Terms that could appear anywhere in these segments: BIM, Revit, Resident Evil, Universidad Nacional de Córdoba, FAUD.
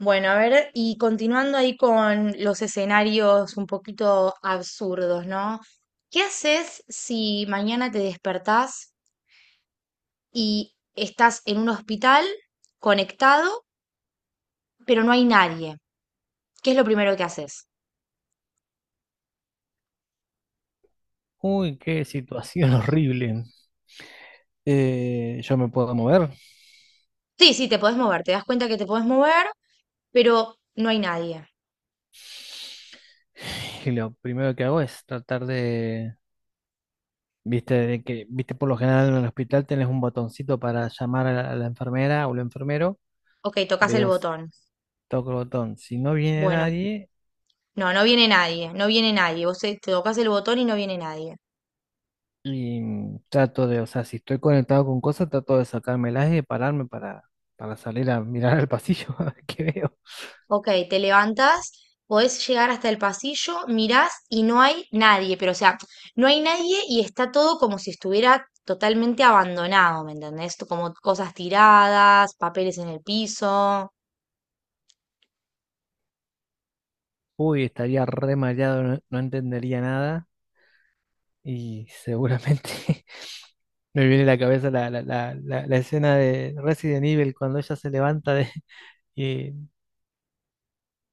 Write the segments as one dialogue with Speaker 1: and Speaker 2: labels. Speaker 1: Bueno, a ver, y continuando ahí con los escenarios un poquito absurdos, ¿no? ¿Qué haces si mañana te despertás y estás en un hospital conectado, pero no hay nadie? ¿Qué es lo primero que haces?
Speaker 2: Uy, qué situación horrible. Yo me puedo mover
Speaker 1: Sí, sí, te podés mover, te das cuenta que te podés mover, pero no hay nadie.
Speaker 2: y lo primero que hago es tratar de, viste, de que, viste, por lo general en el hospital tenés un botoncito para llamar a a la enfermera o el enfermero.
Speaker 1: Ok, tocas el
Speaker 2: Veo,
Speaker 1: botón.
Speaker 2: toco el botón. Si no viene
Speaker 1: Bueno,
Speaker 2: nadie
Speaker 1: no, no viene nadie, no viene nadie. Vos te tocas el botón y no viene nadie.
Speaker 2: y trato de, o sea, si estoy conectado con cosas, trato de sacármelas y de pararme para salir a mirar al pasillo a ver qué veo.
Speaker 1: Ok, te levantas, podés llegar hasta el pasillo, mirás y no hay nadie, pero o sea, no hay nadie y está todo como si estuviera totalmente abandonado, ¿me entendés? Como cosas tiradas, papeles en el piso,
Speaker 2: Uy, estaría re mareado, no entendería nada. Y seguramente me viene a la cabeza la escena de Resident Evil cuando ella se levanta de, y-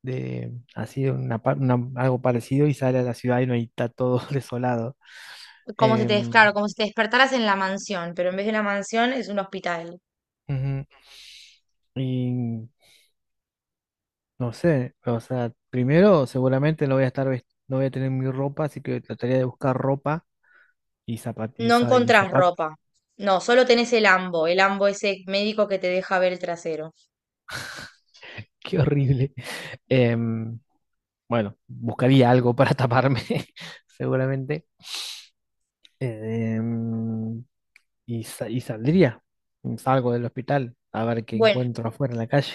Speaker 2: de así de una, algo parecido y sale a la ciudad y no y está todo desolado.
Speaker 1: como si te,
Speaker 2: Em,
Speaker 1: claro, como si te despertaras en la mansión, pero en vez de una mansión es un hospital.
Speaker 2: Ujú. Y no sé, o sea, primero seguramente no voy a estar, no voy a tener mi ropa, así que trataría de buscar ropa y
Speaker 1: No encontrás
Speaker 2: zapatos.
Speaker 1: ropa. No, solo tenés el ambo ese médico que te deja ver el trasero.
Speaker 2: Qué horrible. Em, Bueno, buscaría algo para taparme, seguramente. Em, y, y saldría. Salgo del hospital a ver qué
Speaker 1: Bueno,
Speaker 2: encuentro afuera en la calle.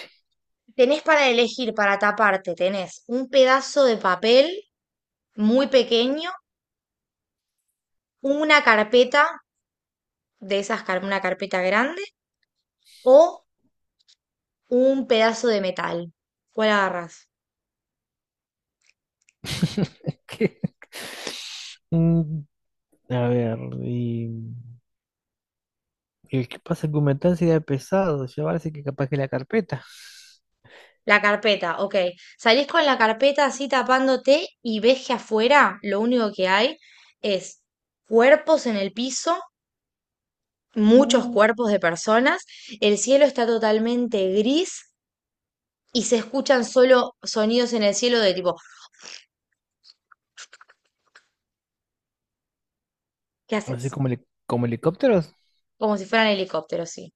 Speaker 1: tenés para elegir, para taparte, tenés un pedazo de papel muy pequeño, una carpeta de esas, una carpeta grande o un pedazo de metal. ¿Cuál agarras?
Speaker 2: ¿Qué? Mm, A ver, y, y qué pasa que aumentar sería pesado, llevarse que capaz que la carpeta.
Speaker 1: La carpeta, ok. Salís con la carpeta así tapándote y ves que afuera lo único que hay es cuerpos en el piso, muchos
Speaker 2: Mm,
Speaker 1: cuerpos de personas, el cielo está totalmente gris y se escuchan solo sonidos en el cielo de tipo, ¿qué
Speaker 2: Así
Speaker 1: haces?
Speaker 2: como, como helicópteros.
Speaker 1: Como si fueran helicópteros, sí.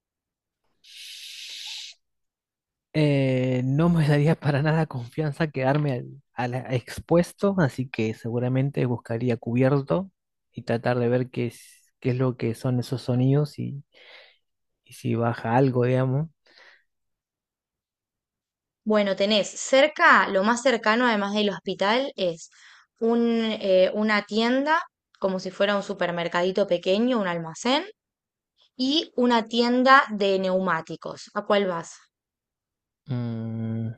Speaker 2: No me daría para nada confianza quedarme al expuesto, así que seguramente buscaría cubierto y tratar de ver qué es lo que son esos sonidos y si baja algo, digamos.
Speaker 1: Bueno, tenés cerca, lo más cercano además del hospital es un, una tienda, como si fuera un supermercadito pequeño, un almacén, y una tienda de neumáticos. ¿A cuál vas?
Speaker 2: Mm,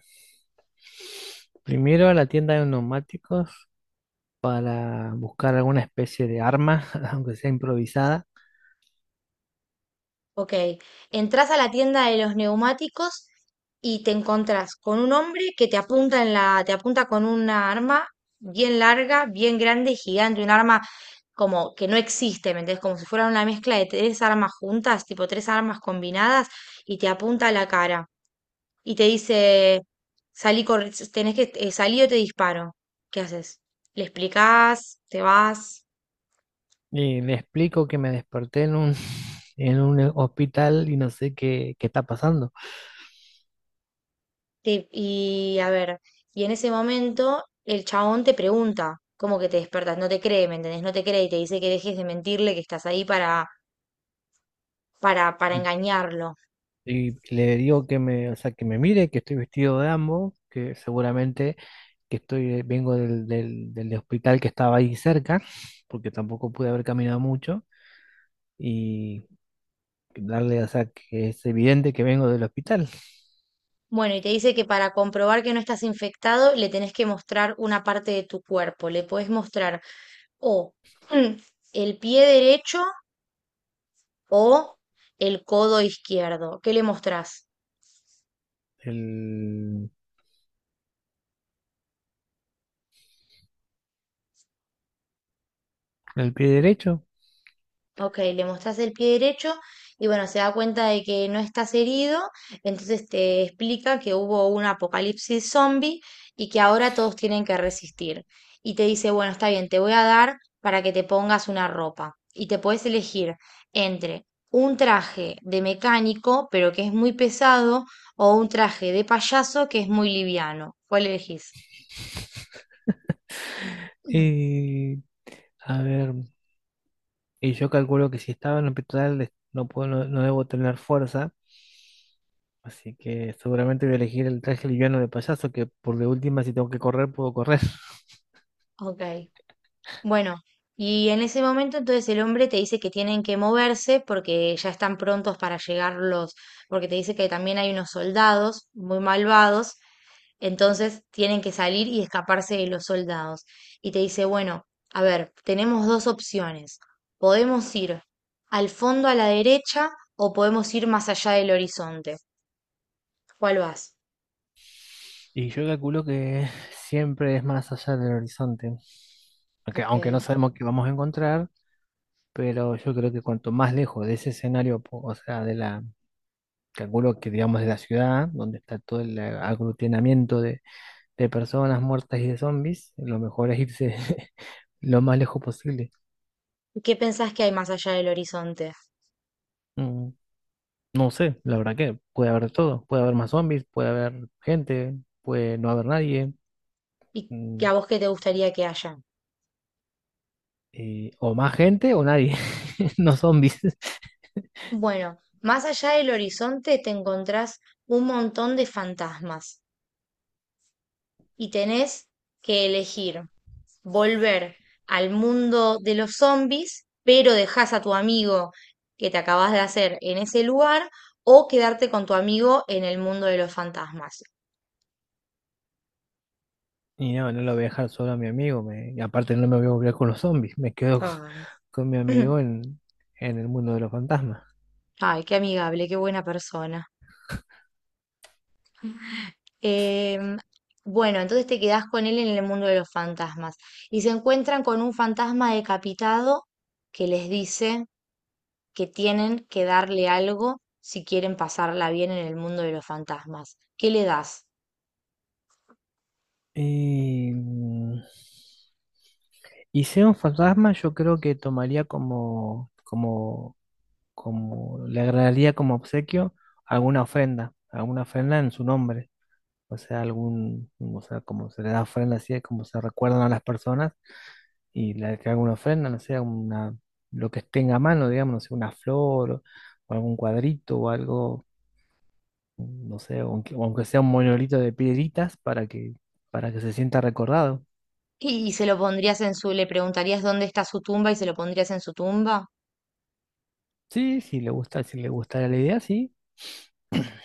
Speaker 2: Primero a la tienda de neumáticos para buscar alguna especie de arma, aunque sea improvisada.
Speaker 1: Ok, entras a la tienda de los neumáticos y te encontrás con un hombre que te apunta en la, te apunta con una arma bien larga, bien grande y gigante, un arma como que no existe, ¿me entendés? Como si fuera una mezcla de tres armas juntas, tipo tres armas combinadas, y te apunta a la cara y te dice, salí, tenés que salir o te disparo. ¿Qué haces? ¿Le explicás? ¿Te vas?
Speaker 2: Y le explico que me desperté en un hospital y no sé qué, qué está pasando.
Speaker 1: Y a ver, y en ese momento el chabón te pregunta, ¿cómo que te despertas? No te cree, ¿me entendés? No te cree y te dice que dejes de mentirle, que estás ahí para
Speaker 2: Y
Speaker 1: engañarlo.
Speaker 2: Y le digo que me, o sea, que me mire, que estoy vestido de ambos, que seguramente que estoy, vengo del hospital que estaba ahí cerca, porque tampoco pude haber caminado mucho, y darle, o sea, que es evidente que vengo del hospital,
Speaker 1: Bueno, y te dice que para comprobar que no estás infectado, le tenés que mostrar una parte de tu cuerpo. Le podés mostrar o mm, el pie derecho o el codo izquierdo. ¿Qué le mostrás?
Speaker 2: el, el pie derecho.
Speaker 1: Ok, le mostrás el pie derecho y bueno, se da cuenta de que no estás herido, entonces te explica que hubo un apocalipsis zombie y que ahora todos tienen que resistir. Y te dice, bueno, está bien, te voy a dar para que te pongas una ropa. Y te puedes elegir entre un traje de mecánico, pero que es muy pesado, o un traje de payaso que es muy liviano. ¿Cuál elegís? Mm.
Speaker 2: Y a ver, y yo calculo que si estaba en el hospital no puedo, no debo tener fuerza, así que seguramente voy a elegir el traje liviano de payaso, que por de última si tengo que correr puedo correr.
Speaker 1: Ok. Bueno, y en ese momento entonces el hombre te dice que tienen que moverse porque ya están prontos para llegar los, porque te dice que también hay unos soldados muy malvados, entonces tienen que salir y escaparse de los soldados. Y te dice, bueno, a ver, tenemos dos opciones. Podemos ir al fondo a la derecha o podemos ir más allá del horizonte. ¿Cuál vas?
Speaker 2: Y yo calculo que siempre es más allá del horizonte,
Speaker 1: Ok.
Speaker 2: aunque no sabemos qué vamos a encontrar, pero yo creo que cuanto más lejos de ese escenario, o sea, de la, calculo que digamos de la ciudad, donde está todo el aglutinamiento de personas muertas y de zombies, lo mejor es irse lo más lejos posible.
Speaker 1: ¿Y qué pensás que hay más allá del horizonte?
Speaker 2: Mm, No sé, la verdad que puede haber de todo, puede haber más zombies, puede haber gente, puede no haber nadie,
Speaker 1: ¿Y que
Speaker 2: mm,
Speaker 1: a vos qué te gustaría que haya?
Speaker 2: o más gente o nadie, no zombies.
Speaker 1: Bueno, más allá del horizonte te encontrás un montón de fantasmas y tenés que elegir volver al mundo de los zombies, pero dejás a tu amigo que te acabas de hacer en ese lugar o quedarte con tu amigo en el mundo de los fantasmas.
Speaker 2: Y no, no lo voy a dejar solo a mi amigo. Me, y aparte no me voy a volver con los zombies. Me quedo con,
Speaker 1: Ay,
Speaker 2: con mi amigo en el mundo de los fantasmas.
Speaker 1: ay, qué amigable, qué buena persona. Em, bueno, entonces te quedás con él en el mundo de los fantasmas y se encuentran con un fantasma decapitado que les dice que tienen que darle algo si quieren pasarla bien en el mundo de los fantasmas. ¿Qué le das?
Speaker 2: Y, y sea un fantasma, yo creo que tomaría como le agradaría como obsequio alguna ofrenda en su nombre. O sea, algún, o sea, como se le da ofrenda así, es como se recuerdan a las personas. Y la que haga una ofrenda, no sé, una, lo que tenga a mano, digamos, no sé, una flor o algún cuadrito o algo, no sé, aunque, aunque sea un monolito de piedritas para que se sienta recordado.
Speaker 1: Y se lo pondrías en su, le preguntarías dónde está su tumba y se lo pondrías en su tumba.
Speaker 2: Sí, sí, le gusta, si le gustara la idea, sí.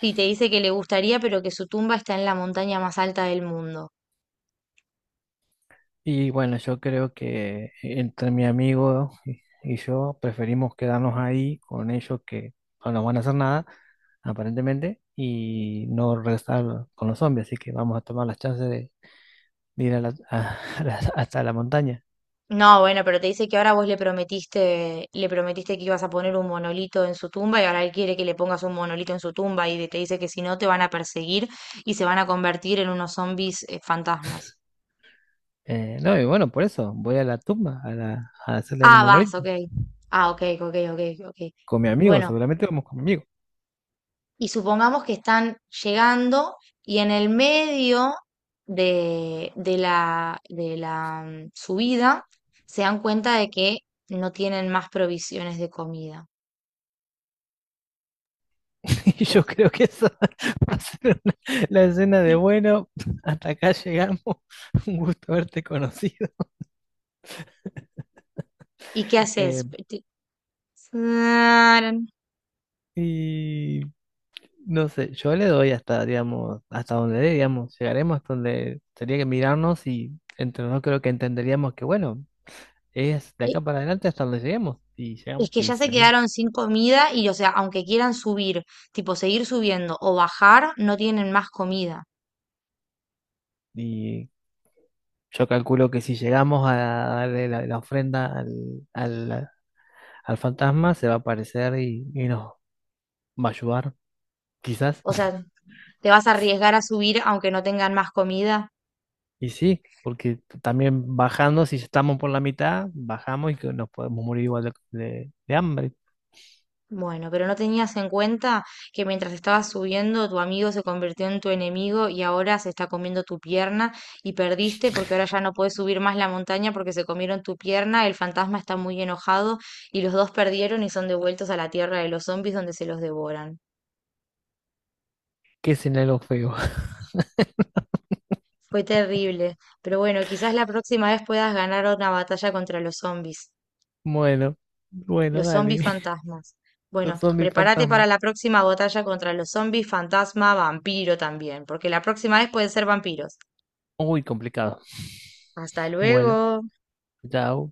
Speaker 1: Si te dice que le gustaría, pero que su tumba está en la montaña más alta del mundo.
Speaker 2: Y bueno, yo creo que entre mi amigo y yo preferimos quedarnos ahí con ellos que no nos van a hacer nada, aparentemente, y no regresar con los zombies, así que vamos a tomar las chances de ir a a hasta la montaña.
Speaker 1: No, bueno, pero te dice que ahora vos le prometiste que ibas a poner un monolito en su tumba y ahora él quiere que le pongas un monolito en su tumba y te dice que si no te van a perseguir y se van a convertir en unos zombies fantasmas.
Speaker 2: No, y bueno, por eso voy a la tumba, a hacerle el
Speaker 1: Ah, vas,
Speaker 2: monolito
Speaker 1: ok. Ah, ok, ok, ok, ok.
Speaker 2: con mi amigo,
Speaker 1: Bueno,
Speaker 2: seguramente vamos con mi amigo.
Speaker 1: y supongamos que están llegando y en el medio de la subida se dan cuenta de que no tienen más provisiones de comida.
Speaker 2: Y
Speaker 1: ¿Qué
Speaker 2: yo
Speaker 1: hacen?
Speaker 2: creo que eso va a ser la escena de bueno, hasta acá llegamos, un gusto haberte conocido.
Speaker 1: ¿Y qué
Speaker 2: Eh,
Speaker 1: haces? Tarán.
Speaker 2: y no sé, yo le doy hasta, digamos, hasta donde dé, digamos, llegaremos hasta donde tendría que mirarnos y entre nosotros creo que entenderíamos que, bueno, es de
Speaker 1: Y-
Speaker 2: acá para adelante hasta donde lleguemos. Y llegamos
Speaker 1: Es que
Speaker 2: y
Speaker 1: ya se
Speaker 2: salimos.
Speaker 1: quedaron sin comida y, o sea, aunque quieran subir, tipo seguir subiendo o bajar, no tienen más comida.
Speaker 2: Y Yo calculo que si llegamos a darle la ofrenda al- al fantasma, se va a aparecer y nos va a ayudar, quizás.
Speaker 1: O sea, te vas a arriesgar a subir aunque no tengan más comida.
Speaker 2: Y sí, porque también bajando, si estamos por la mitad, bajamos y que nos podemos morir igual de, de hambre.
Speaker 1: Bueno, pero no tenías en cuenta que mientras estabas subiendo, tu amigo se convirtió en tu enemigo y ahora se está comiendo tu pierna y perdiste porque ahora ya no puedes subir más la montaña porque se comieron tu pierna, el fantasma está muy enojado y los dos perdieron y son devueltos a la tierra de los zombies donde se los devoran.
Speaker 2: ¿Qué escenario feo?
Speaker 1: Fue terrible, pero bueno, quizás la próxima vez puedas ganar una batalla contra los zombies.
Speaker 2: Bueno, bueno,
Speaker 1: Los
Speaker 2: dale.
Speaker 1: zombies fantasmas.
Speaker 2: Los
Speaker 1: Bueno,
Speaker 2: zombies
Speaker 1: prepárate para
Speaker 2: fantasmas.
Speaker 1: la próxima batalla contra los zombies fantasma vampiro también, porque la próxima vez pueden ser vampiros.
Speaker 2: Uy, complicado.
Speaker 1: Hasta
Speaker 2: Bueno,
Speaker 1: luego.
Speaker 2: chao.